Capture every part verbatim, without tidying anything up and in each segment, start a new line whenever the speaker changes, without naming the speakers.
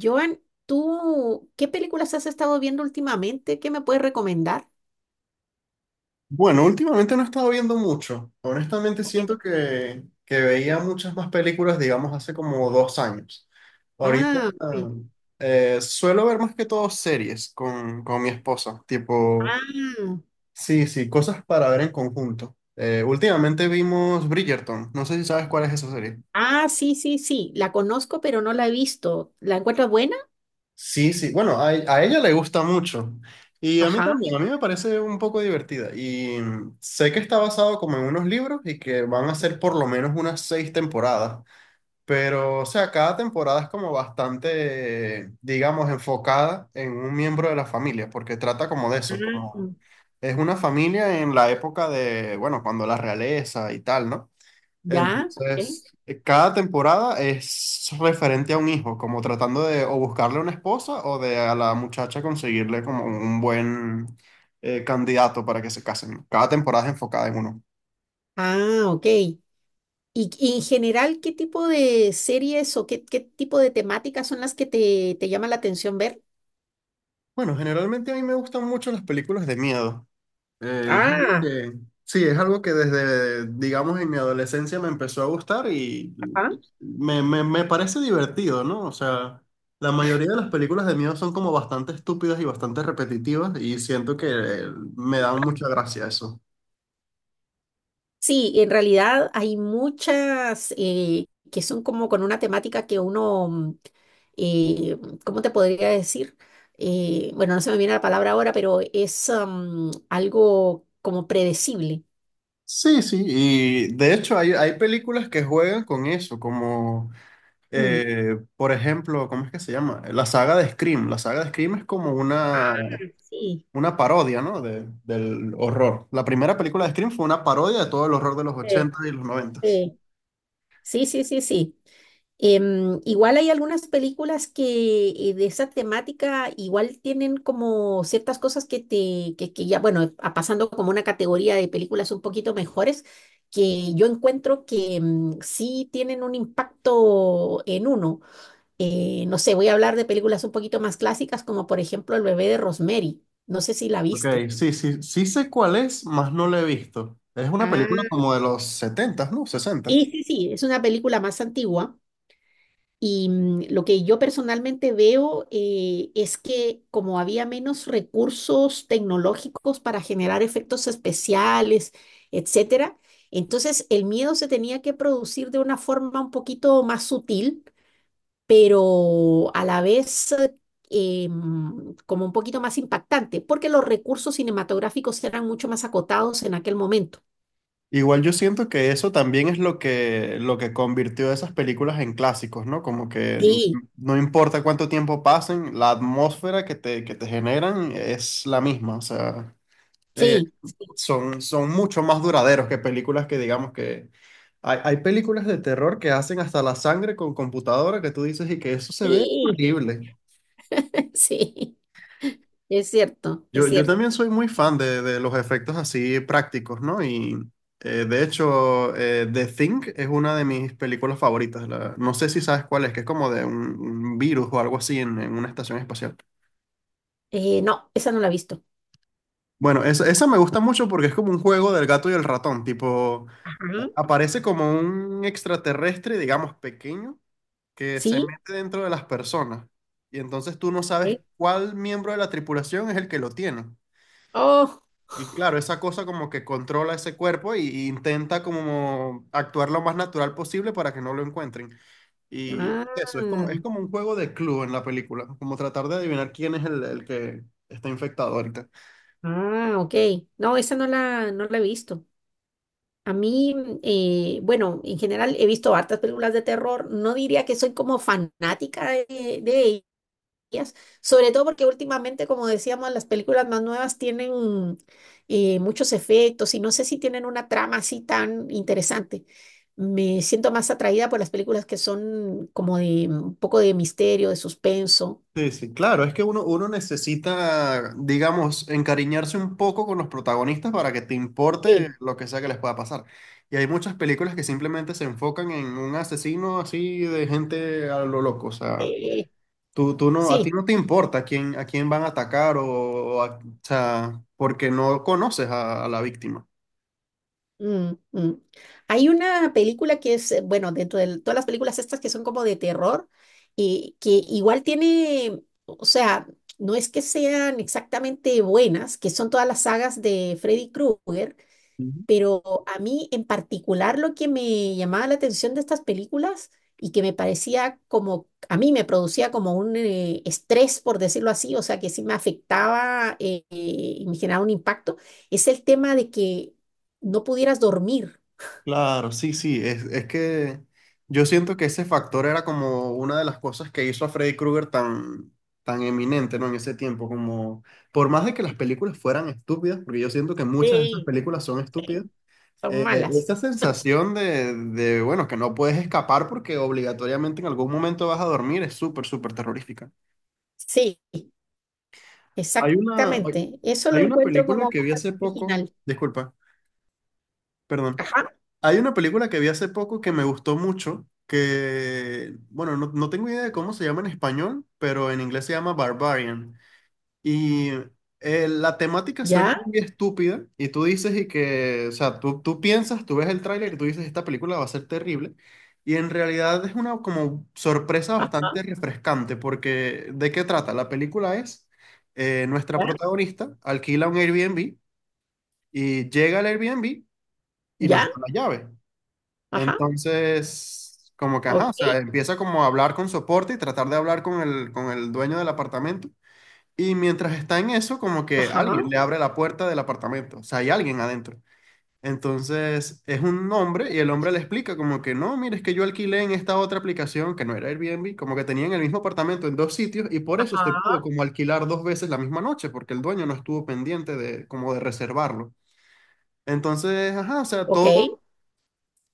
Joan, ¿tú qué películas has estado viendo últimamente? ¿Qué me puedes recomendar?
Bueno, últimamente no he estado viendo mucho. Honestamente
Ok.
siento que, que veía muchas más películas, digamos, hace como dos años. Ahorita
Ah, sí.
eh, suelo ver más que todo series con, con mi esposa, tipo,
Ah,
sí, sí, cosas para ver en conjunto. Eh, últimamente vimos Bridgerton, no sé si sabes cuál es esa serie.
ah, sí, sí, sí, la conozco, pero no la he visto. ¿La encuentras buena?
Sí, sí. Bueno, a, a ella le gusta mucho. Y a mí
Ajá.
también, a mí me parece un poco divertida. Y mm, sé que está basado como en unos libros y que van a ser por lo menos unas seis temporadas. Pero, o sea, cada temporada es como bastante, digamos, enfocada en un miembro de la familia, porque trata como de eso, como
Ah,
es una familia en la época de, bueno, cuando la realeza y tal, ¿no?
ya, ok.
Entonces, eh, cada temporada es referente a un hijo, como tratando de o buscarle una esposa o de a la muchacha conseguirle como un buen eh, candidato para que se casen. Cada temporada es enfocada en uno.
Ah, ok. ¿Y, y en general qué tipo de series o qué, qué tipo de temáticas son las que te, te llama la atención ver?
Bueno, generalmente a mí me gustan mucho las películas de miedo. Eh, es algo
Ah,
que, sí, es algo que desde, digamos, en mi adolescencia me empezó a gustar y
ajá.
me, me- me parece divertido, ¿no? O sea, la mayoría de las películas de miedo son como bastante estúpidas y bastante repetitivas y siento que eh, me da mucha gracia eso.
Sí, en realidad hay muchas eh, que son como con una temática que uno, mm, eh, ¿cómo te podría decir? Eh, bueno, no se me viene la palabra ahora, pero es am, algo como predecible.
Sí, sí, y de hecho hay, hay películas que juegan con eso, como
Mm.
eh, por ejemplo, ¿cómo es que se llama? La saga de Scream. La saga de Scream es como una,
Sí.
una parodia, ¿no? De- del horror. La primera película de Scream fue una parodia de todo el horror de los
eh,
ochenta y los noventa.
eh, Sí, sí, sí, sí. Em, igual hay algunas películas que eh, de esa temática igual tienen como ciertas cosas que te, que, que ya, bueno, a- pasando como una categoría de películas un poquito mejores, que yo encuentro que mm, sí tienen un impacto en uno. Eh, no sé, voy a hablar de películas un poquito más clásicas, como por ejemplo El bebé de Rosemary. No sé si la
Ok,
viste.
sí, sí, sí sé cuál es, más no la he visto. Es una película
Ah,
como de los setenta, ¿no? sesenta.
sí, sí, sí, es una película más antigua. Y mm, lo que yo personalmente veo eh, es que como había menos recursos tecnológicos para generar efectos especiales, etcétera, entonces el miedo se tenía que producir de una forma un poquito más sutil, pero a la vez eh, eh, mm, como un poquito más impactante, porque los recursos cinematográficos eran mucho más acotados en aquel momento.
Igual yo siento que eso también es lo que, lo que convirtió esas películas en clásicos, ¿no? Como que
Sí,
no importa cuánto tiempo pasen, la atmósfera que te, que te generan es la misma. O sea, eh,
sí,
son, son mucho más duraderos que películas que digamos que... Hay, hay películas de terror que hacen hasta la sangre con computadora que tú dices y que eso se ve
sí,
horrible.
sí, es cierto,
Yo,
es
yo
cierto.
también soy muy fan de, de los efectos así prácticos, ¿no? Y eh, de hecho, eh, The Thing es una de mis películas favoritas. La- no sé si sabes cuál es, que es como de un, un virus o algo así en en una estación espacial.
Eh, no, esa no la he visto.
Bueno, esa, esa me gusta mucho porque es como un juego del gato y el ratón, tipo,
Ajá.
eh, aparece como un extraterrestre, digamos, pequeño, que se
¿Sí?
mete dentro de las personas. Y entonces tú no sabes
¿Sí?
cuál miembro de la tripulación es el que lo tiene.
Oh,
Y claro, esa cosa como que controla ese cuerpo y, y intenta como actuar lo más natural posible para que no lo encuentren. Y
ah,
eso, es como, es como un juego de club en la película, como tratar de adivinar quién es el, el que está infectado ahorita.
ah, ok. No, esa no la, no la he visto. A mí, eh, bueno, en general he visto hartas películas de terror. No diría que soy como fanática de, de tecnologías, sobre todo porque últimamente, como decíamos, las películas más nuevas tienen eh, muchos efectos y no sé si tienen una trama así tan interesante. Me siento más atraída por las películas que son como de mm, un poco de misterio, de suspenso.
Sí, sí, claro, es que uno, uno necesita, digamos, encariñarse un poco con los protagonistas para que te importe
Sí.
lo que sea que les pueda pasar. Y hay muchas películas que simplemente se enfocan en un asesino así de gente a lo loco. O sea,
Eh,
tú, tú no, a ti
sí.
no te importa a quién, a quién van a atacar o, o a- o sea, porque no conoces a, a la víctima.
Mm, mm. Hay una película que es, eh, bueno, dentro de todas las películas estas que son como de terror, y que igual tiene, o sea, no es que sean exactamente buenas, que son todas las sagas de Freddy Krueger, pero a mí en particular lo que me llamaba la atención de estas películas y que me parecía como, a mí me producía como un eh, estrés, por decirlo así, o sea, que sí me afectaba eh, y me generaba un impacto, es el tema de que no pudieras dormir.
Claro, sí, sí, es, es que yo siento que ese factor era como una de las cosas que hizo a Freddy Krueger tan, tan eminente, ¿no? En ese tiempo, como por más de que las películas fueran estúpidas, porque yo siento que muchas de esas
Sí.
películas son estúpidas,
Son
eh,
malas.
esa sensación de, de, bueno, que no puedes escapar porque obligatoriamente en algún momento vas a dormir es súper, súper terrorífica.
Sí,
Hay una, hay
exactamente. Eso
Hay
lo
una
encuentro
película
como
que vi
bastante
hace poco,
original.
disculpa, perdón.
Ajá,
Hay una película que vi hace poco que me gustó mucho, que, bueno, no, no tengo idea de cómo se llama en español, pero en inglés se llama Barbarian. Y eh, la temática suena
ya,
muy estúpida y tú dices y que, o sea, tú, tú piensas, tú ves el tráiler y tú dices, esta película va a ser terrible. Y en realidad es una como sorpresa
ajá,
bastante refrescante, porque ¿de qué trata? La película es, eh, nuestra
ya,
protagonista alquila un Airbnb y llega al Airbnb y no
ya,
está la llave.
ajá,
Entonces, como que, ajá, o
ok,
sea, empieza como a hablar con soporte y tratar de hablar con el, con el dueño del apartamento. Y mientras está en eso, como que
ajá,
alguien le abre la puerta del apartamento, o sea, hay alguien adentro. Entonces, es un hombre y el hombre le explica como que, no, mire, es que yo alquilé en esta otra aplicación que no era Airbnb, como que tenían el mismo apartamento en dos sitios y por eso se pudo
ajá,
como alquilar dos veces la misma noche, porque el dueño no estuvo pendiente de como de reservarlo. Entonces, ajá, o sea,
ok,
todo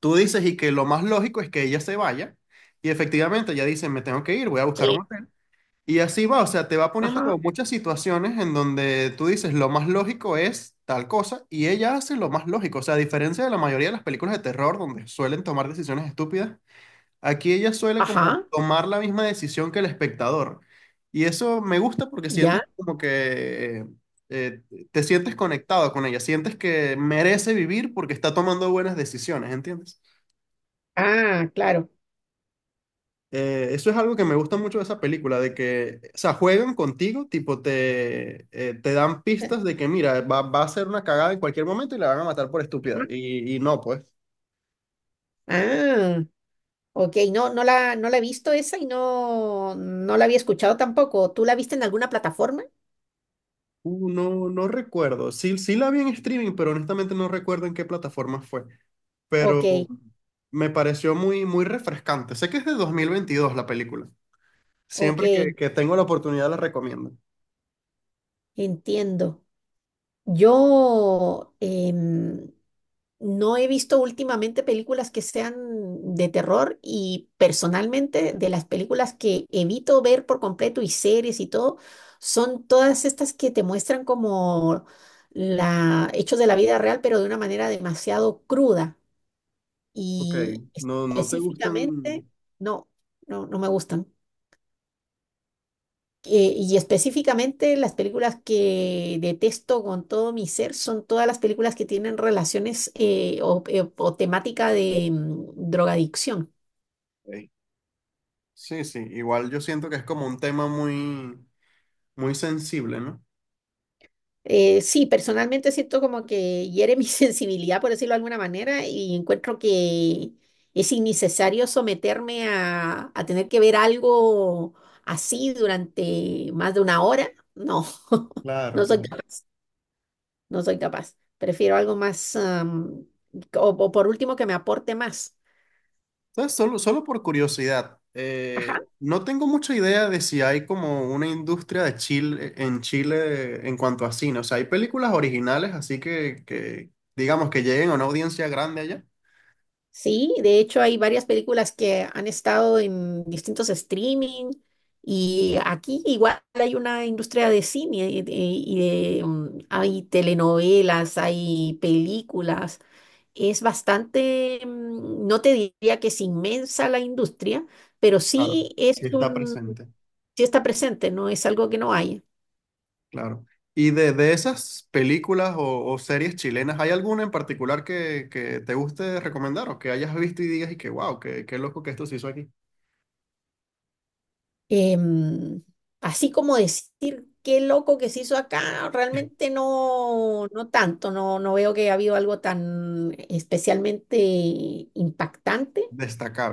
tú dices y que lo más lógico es que ella se vaya y efectivamente ella dice, me tengo que ir, voy a buscar un
sí,
hotel. Y así va, o sea, te va poniendo
ajá.
como muchas situaciones en donde tú dices, lo más lógico es tal cosa y ella hace lo más lógico. O sea, a diferencia de la mayoría de las películas de terror donde suelen tomar decisiones estúpidas, aquí ella suele como
Ajá,
tomar la misma decisión que el espectador. Y eso me gusta porque sientes
ya.
como que eh, te sientes conectado con ella, sientes que merece vivir porque está tomando buenas decisiones, ¿entiendes?
Ah, claro.
Eh, eso es algo que me gusta mucho de esa película, de que, o sea, juegan contigo, tipo, te, eh, te dan
Ajá.
pistas de que, mira, va, va a ser una cagada en cualquier momento y la van a matar por estúpida. Y, y no, pues,
Ah, ok, no, no la, no la he visto esa y no, no la había escuchado tampoco. ¿Tú la viste en alguna plataforma?
uh, no, no recuerdo. Sí, sí la vi en streaming, pero honestamente no recuerdo en qué plataforma fue.
Ok,
Pero me pareció muy, muy refrescante. Sé que es de dos mil veintidós la película.
ok,
Siempre que, que tengo la oportunidad la recomiendo.
entiendo. Yo, em, no he visto últimamente películas que sean de terror y personalmente de las películas que evito ver por completo y series y todo, son todas estas que te muestran como la, hechos de la vida real, pero de una manera demasiado cruda
Ok,
y
no, no te
específicamente,
gustan...
no, no, no me gustan. Eh, y específicamente las películas que detesto con todo mi ser son todas las películas que tienen relaciones eh, o, eh, o temática de mm, drogadicción.
Ok. Sí, sí, igual yo siento que es como un tema muy muy sensible, ¿no?
Eh, sí, personalmente siento como que hiere mi sensibilidad, por decirlo de alguna manera, y encuentro que es innecesario someterme a, a tener que ver algo así durante más de una hora. No,
Claro,
no soy
claro.
capaz. No soy capaz. Prefiero algo más, am, o, o por último, que me aporte más.
Entonces, solo, solo por curiosidad,
Ajá.
eh, no tengo mucha idea de si hay como una industria de Chile, en Chile en cuanto a cine. O sea, hay películas originales, así que, que digamos que lleguen a una audiencia grande allá.
Sí, de hecho hay varias películas que han estado en distintos streaming y aquí igual hay una industria de cine y de, y de, mm, hay telenovelas, hay películas. Es bastante, mm, no te diría que es inmensa la industria, pero
Claro.
sí es
Sí está
un,
presente,
sí está presente, no es algo que no hay.
claro. Y de, de esas películas o, o series chilenas, ¿hay alguna en particular que, que te guste recomendar o que hayas visto y digas y que wow, qué, qué loco que esto se hizo aquí?
Em, Así como decir qué loco que se hizo acá, realmente no, no tanto, no, no veo que ha habido algo tan especialmente impactante,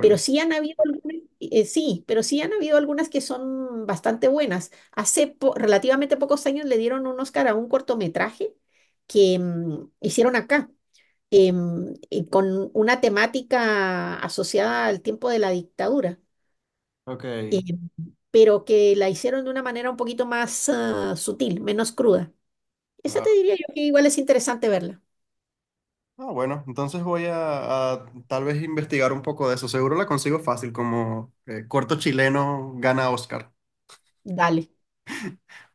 pero sí han habido algunas, eh, sí, pero sí han habido algunas que son bastante buenas. Hace po- relativamente pocos años le dieron un Oscar a un cortometraje que mm, hicieron acá. Em, y con una temática asociada al tiempo de la dictadura.
Ok,
em, pero que la hicieron de una manera un poquito más ah, sutil, menos cruda. Esa te
claro.
diría yo que igual es interesante verla.
Ah, bueno, entonces voy a, a tal vez investigar un poco de eso. Seguro la consigo fácil, como eh, corto chileno gana Oscar.
Dale.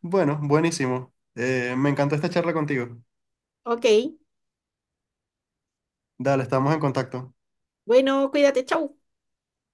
Bueno, buenísimo. Eh, me encantó esta charla contigo.
Ok.
Dale, estamos en contacto.
Bueno, cuídate. Chau.